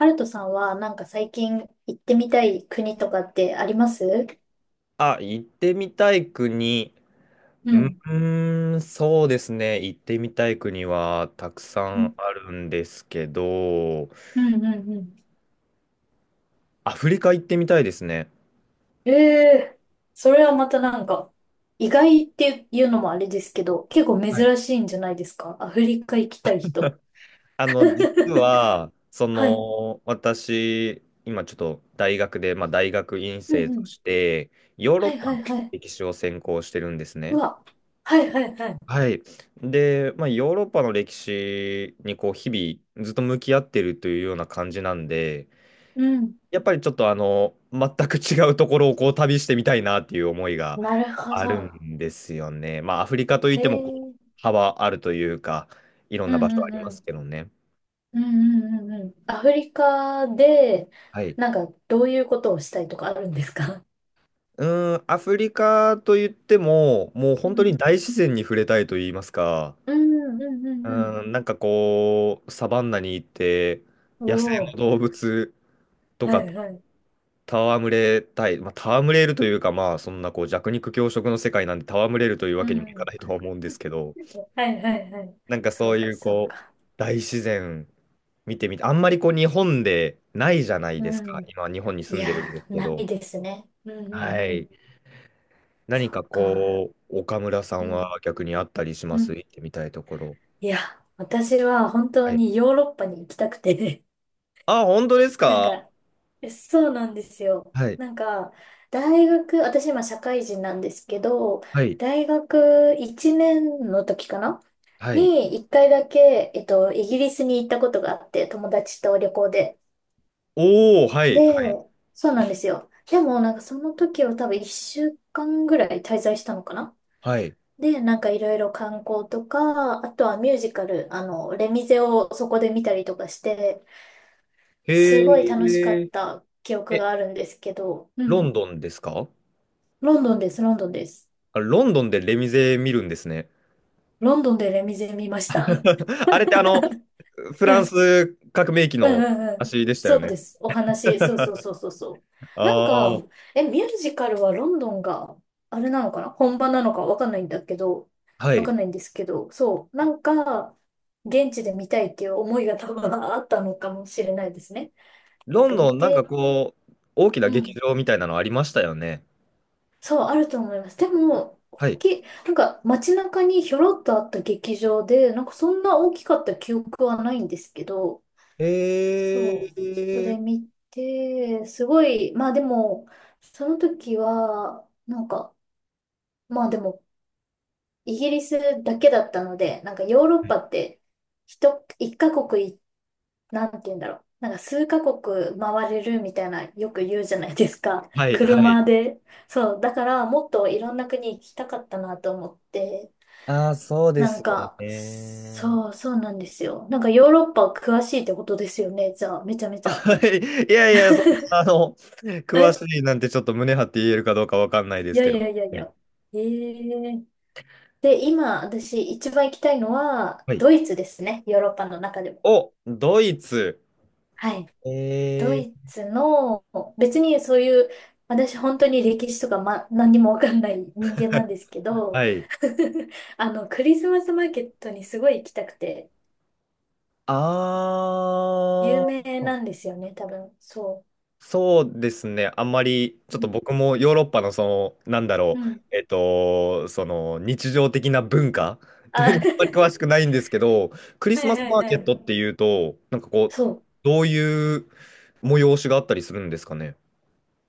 ハルトさんはなんか最近行ってみたい国とかってあります？あ、行ってみたい国。ううん。ーん、そうですね。行ってみたい国はたくさうんんあるんですけど、うんうんうん。アフリカ行ってみたいですね。ええ。それはまたなんか、意外っていうのもあれですけど、結構はい。珍しいんじゃないですか？アフリカ行きたい人。実 は、はい。私、今ちょっと大学で、まあ、大学院うん生うとん。して、ヨーロはッいパはいのはい。歴史を専攻してるんですうね。わ、はいはいはい。はい。で、まあ、ヨーロッパの歴史にこう、日々ずっと向き合ってるというような感じなんで、うん。やっぱりちょっと全く違うところをこう旅してみたいなっていう思いがなるほあるど。んですよね。まあ、アフリカといっへてもこうえ。幅あるというか、いろんうな場ん所うあんりまうすん。けどね。うんうんうんうん。アフリカで、はい。なんかどういうことをしたいとかあるんですか？うーん、アフリカといっても、もう本当に大自然に触れたいと言いますか、うんうんううんうん。ーん、なんかこう、サバンナに行って、お野生のお、動物とはかいはい。と戯れたい、まあ、戯れるというか、まあ、そんなこう弱肉強食の世界なんで戯れるというわうけにんうもいかないとんは思うんですけど、はいはいはい。なんかそそううかいうそうこう、か。大自然見てみて、あんまりこう日本でないじゃないでうすか。ん。今日本にい住んでるんでやすー、けないど。ですね。うんうんはうい。ん。そ何うかか。こう、岡村さんうはん逆にあったりしまうす？ん。行ってみたいところ。いや、私は本当はい。にヨーロッパに行きたくて、あ、本当ですなんか？か、そうなんですよ。はい。なんか、大学、私今社会人なんですけど、はい。大学1年の時かなはい。に、一回だけ、イギリスに行ったことがあって、友達と旅行で。おー、はい。はい。で、そうなんですよ。でも、なんかその時は多分1週間ぐらい滞在したのかな。はい。で、なんかいろいろ観光とか、あとはミュージカル、レミゼをそこで見たりとかして、すごいへ楽しかっー。た記憶え、があるんですけど、うんロうンん。ドンですか？ロンドンです、ロンドンです。あロンドンでレミゼ見るんですね。ロンドンでレミゼ見ました。うん、あれってフうランん、ス革命期うのんうん。足でしたよそうね。です。お話、そうそうそうそうそあう。なんか、あ、ミュージカルはロンドンが、あれなのかな、本場なのかわかんないんだけど、はわかい。んないんですけど、そう、なんか、現地で見たいっていう思いが多分あったのかもしれないですね。なんロかンド見ン、なんかて、こう、大きなう劇ん。場みたいなのありましたよね。そう、あると思います。でも、は大い。きい、なんか街中にひょろっとあった劇場で、なんかそんな大きかった記憶はないんですけど、えそう、そこでえ。見て、すごい、まあでも、その時は、なんか、まあでも、イギリスだけだったので、なんかヨーロッパって、一カ国、なんて言うんだろう。なんか数カ国回れるみたいな、よく言うじゃないですか。は い、はい。車で。そう。だから、もっといろんな国行きたかったなと思って。ああー、そうでなすんよか、ね。そう、そうなんですよ。なんかヨーロッパ詳しいってことですよね。じゃあ、めちゃめ ちゃ。はい。いやいや、そんな、詳えしいなんてちょっと胸張って言えるかどうかわかんないでいすやけいど。やいやいはい。や。ええ。で、今、私一番行きたいのは、はい。ドイツですね。ヨーロッパの中でも。お、ドイツ。はい。ドえイえ。ツの、別にそういう、私本当に歴史とか、ま、何にもわかんない人間なんですけど、はい。クリスマスマーケットにすごい行きたくて、有あ名あー。なんですよね、多分。そそうですね。あんまり、ちう。ょっうとん。僕もヨーロッパのその、なんだうろう、ん。その日常的な文化 といあ、うのはあんまり詳はしくないんですけど、クリいスマスはいマーはケッい。トっていうと、なんかこう、そう。どういう催しがあったりするんですかね。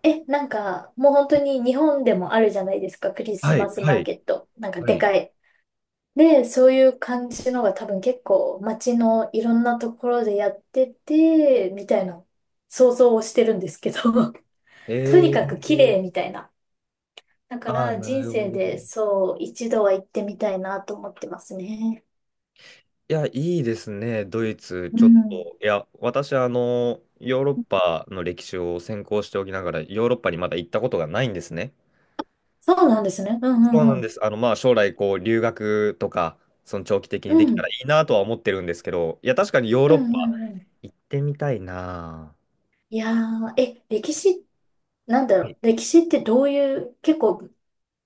なんか、もう本当に日本でもあるじゃないですか、クリスはい、マスはマーい、ケット。なんかはでい。かい。で、そういう感じのが多分結構街のいろんなところでやってて、みたいな想像をしてるんですけど、えとにかくー、綺麗みたいな。だかああ、らな人るほ生ど。でいそう一度は行ってみたいなと思ってますね。や、いいですね、ドイツ。うちょっん。と、いや、私、ヨーロッパの歴史を専攻しておきながら、ヨーロッパにまだ行ったことがないんですね。そうなんですね。うんうそうんなうんでん。す。まあ、将来、こう、留学とか、その長期的うにできたらん。いいなとは思ってるんですけど、いや、確かにヨーうロんッパうんうん。行ってみたいな。いやー、歴史、なんだはろい。う。歴史ってどういう、結構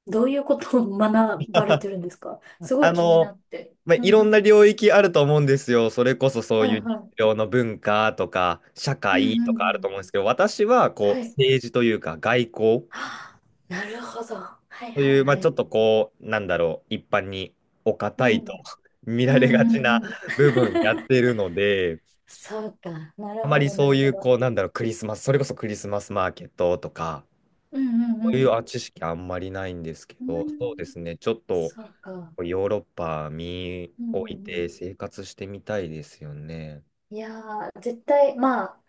どういうことを学ばれてるんですか？すごあい気になの、って。まあ、ういろん。んな領域あると思うんですよ。それこそそはういいう日はい。常の文化とか、社うん会うとかんあうるとん。思うんですけど、私は、こはう、い。政治というか、外交あ、なるほど。はいとはいいう、まあ、はちょっい。とこう、なんだろう、一般におう堅ん。いと 見うんられがちうなんうん。部分やってるので、そうか。なあるまほりど、なそうるいほう、ど。こう、なんだろう、クリスマス、それこそクリスマスマーケットとか、うんうんそうういうん。あ知識あんまりないんですけうど、そうでん。すね、ちょっとそうか。ヨーロッパ見うんう置いんうてん。生活してみたいですよね。いやー、絶対、まあ、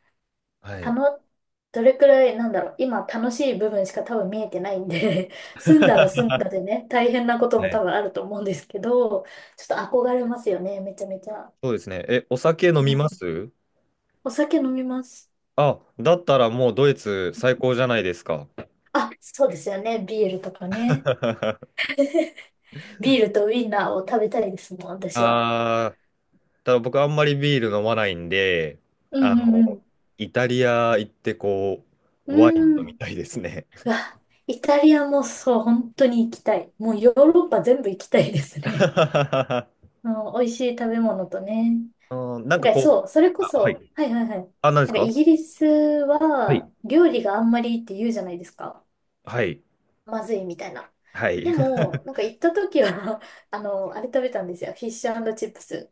はたい。の、どれくらい、なんだろう、今楽しい部分しか多分見えてないんで 住んだら住んだでね、大変なことはも多い。分あると思うんですけど、ちょっと憧れますよね、めちゃめちゃ。そうですね。え、お酒飲うみまん。す？お酒飲みます。あ、だったらもうドイツ最高じゃないですか。あ、そうですよね、ビールとかね。ビールとウインナーを食べたいですもん、私は。あー、ただ僕あんまりビール飲まないんで、うあんうの、んイタリア行ってこうう、ワインん。う飲ーみん。たいですね。うわ、イタリアもそう、本当に行きたい。もうヨーロッパ全部行きたいですね。うん、美味しい食べ物とね。うん、なんかなんかこう、そう、それこあ、はそ、い。はいはいはい。なんあ、何ですかか？イギリスはい。は料理があんまりって言うじゃないですか。はい。まずいみたいな。はい。でも、なんか行った時は あれ食べたんですよ。フィッシュチップス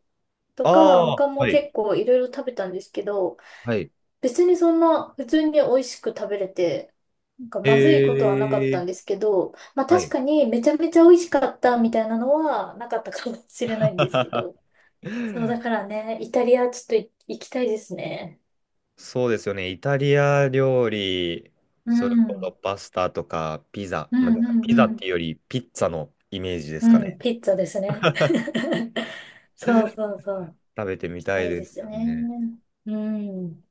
とか、ああ、他もは結い。構いろいろ食べたんですけど、はい。別にそんな普通に美味しく食べれて、なんかまずいことえはなかったー。んですけど、まあは確い。かにめちゃめちゃ美味しかったみたいなのはなかったかもしれないんですけど。そうだからね、イタリアちょっと行きたいですね。そうですよね。イタリア料理、うそれん。うこそんパスタとかピザ、うまあ、だからんピザうってん。いうよりピッツァのイメージですかうん、ね。ピッツァですね。そうそうそう。行食べてみきたたいいでですすよね。ね。うん。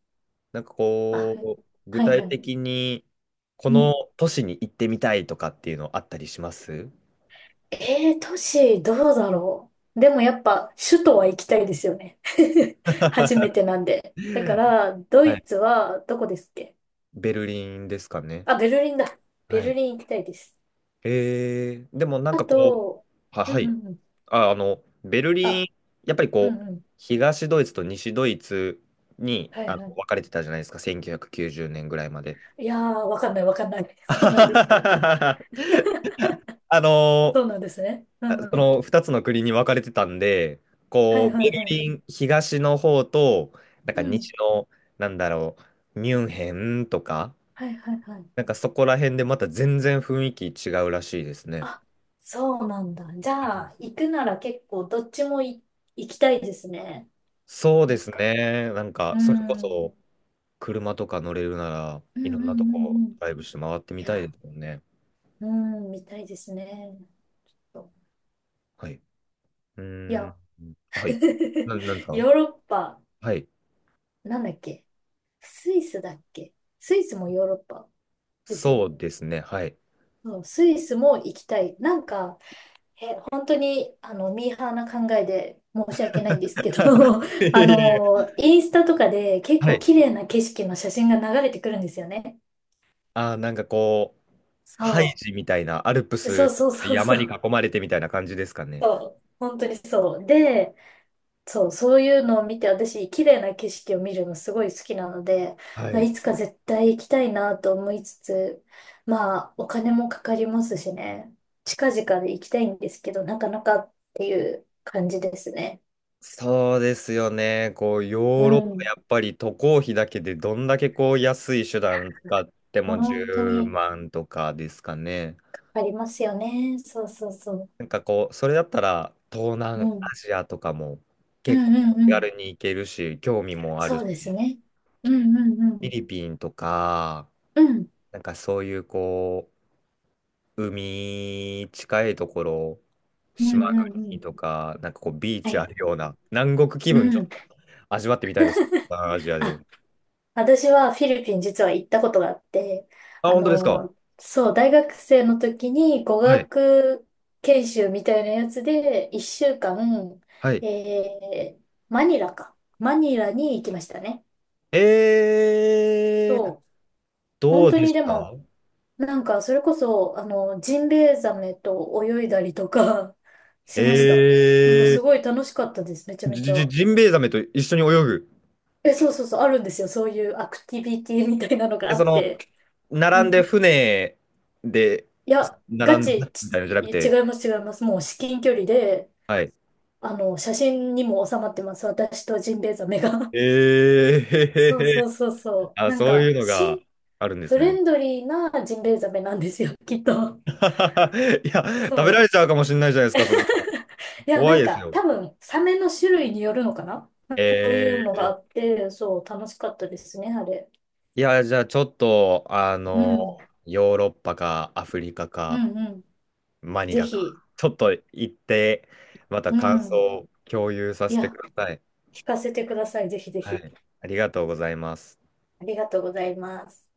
なんかあ、こう、具はい体はい。的にこうのん。都市に行ってみたいとかっていうのあったりします？ 都市どうだろう。でもやっぱ首都は行きたいですよね。初めはてなんで。だから、ドい。イツはどこですっけ？ベルリンですかね。あ、ベルリンだ。ベはルい。リン行きたいです。えー、でもなんあかこう、と、は、うんはうい。んうん。あ、ベルリン、あ、やっぱりうこう、んうん。東ドイツと西ドイツにはあいのはい。分かれてたじゃないですか、1990年ぐらいまで。いやー、わかんないわかんない。そうなんですか。あそのうなんですね。うんそうん。の2つの国に分かれてたんで、はこいう、ベはいルはい。リン東の方と、なんうかん。西の、なんだろう、ミュンヘンとか、はいはいはい。なんかそこら辺でまた全然雰囲気違うらしいですね。あ、そうなんだ。じゃあ、行くなら結構どっちも行きたいですね。そうなでんすか。ね。なんか、うそれこん。そ、車とか乗れるなら、うんいろうんんなとうこ、んうん。ドライブして回っていみたいや、ですもんね。うん、みたいですね。はい。ういや、ーん。はい。な、なんですか？ヨーロッパ、はい。なんだっけ？スイスだっけ？スイスもヨーロッパですよそね。うですね。はい。そうスイスも行きたい。なんか、本当に、ミーハーな考えで申し訳ないんですけど、いや いやいや。インスタとかで結は構い。綺麗な景色の写真が流れてくるんですよね。あー、なんかこう、ハイそジみたいな、アルプう。そうス、そうそう山そにう。囲まれてみたいな感じですかね。そう。本当にそう。で、そう、そういうのを見て、私、綺麗な景色を見るのすごい好きなので、はあい。いつか絶対行きたいなと思いつつ、まあ、お金もかかりますしね、近々で行きたいんですけど、なかなかっていう感じですね。そうですよね。こう、ヨうーロッパ、ん。やっぱり渡航費だけでどんだけこう安い手段使っても本当10に万とかですかね。ありますよね。そうそうそう。なんかこう、それだったら東南うん。アジアとかもうん結う構んう手ん。軽に行けるし、興味もあるそし、うですね。うんうんうフィん。リピンとか、うん。なんかそういうこう、海近いところ、う島んうんう国ん。とか、なんかこう、ビーはチあいるはようい。な、南国気う分ちょっん。と味わってみたいです。東南アジアで。あ、私はフィリピン実は行ったことがあって、あ、本当ですか。そう、大学生の時に語はい。学研修みたいなやつで、1週間、はい。えー、マニラか。マニラに行きましたね。えー、そう。ど本う当でにしでた？も、なんか、それこそ、ジンベエザメと泳いだりとか しえました。なんか、すごい楽しかったです。めちゃー、めじ、ちじ、ゃ。ジンベエザメと一緒に泳ぐ。え、そうそうそう、あるんですよ。そういうアクティビティみたいなのがえ、あそっの、て。う並んん、で船で、いや、ガ並んでチ、みたいなちのじゃなく違て、います違います。もう至近距離で、はい。写真にも収まってます。私とジンベエザメが。えー、へ そうへへ。そうそうそう。あ、なんそういか、うのがあるんでフすね。レンドリーなジンベエザメなんですよ、きっと。いや、そ食べらう。れちゃうかもしれないじゃないですか、そんな。いや、怖ないんですか、よ。多分、サメの種類によるのかな？そういうのえがあって、そう、楽しかったですね、あれ。ー、いや、じゃあちょっと、あうの、ん。ヨーロッパかアフリカうか、んうん。マニぜラか。ひ。ちょっと行って、またう感想ん。を共有さいせてや、ください。聞かせてください。ぜひぜはひ。い。ありがとうございます。ありがとうございます。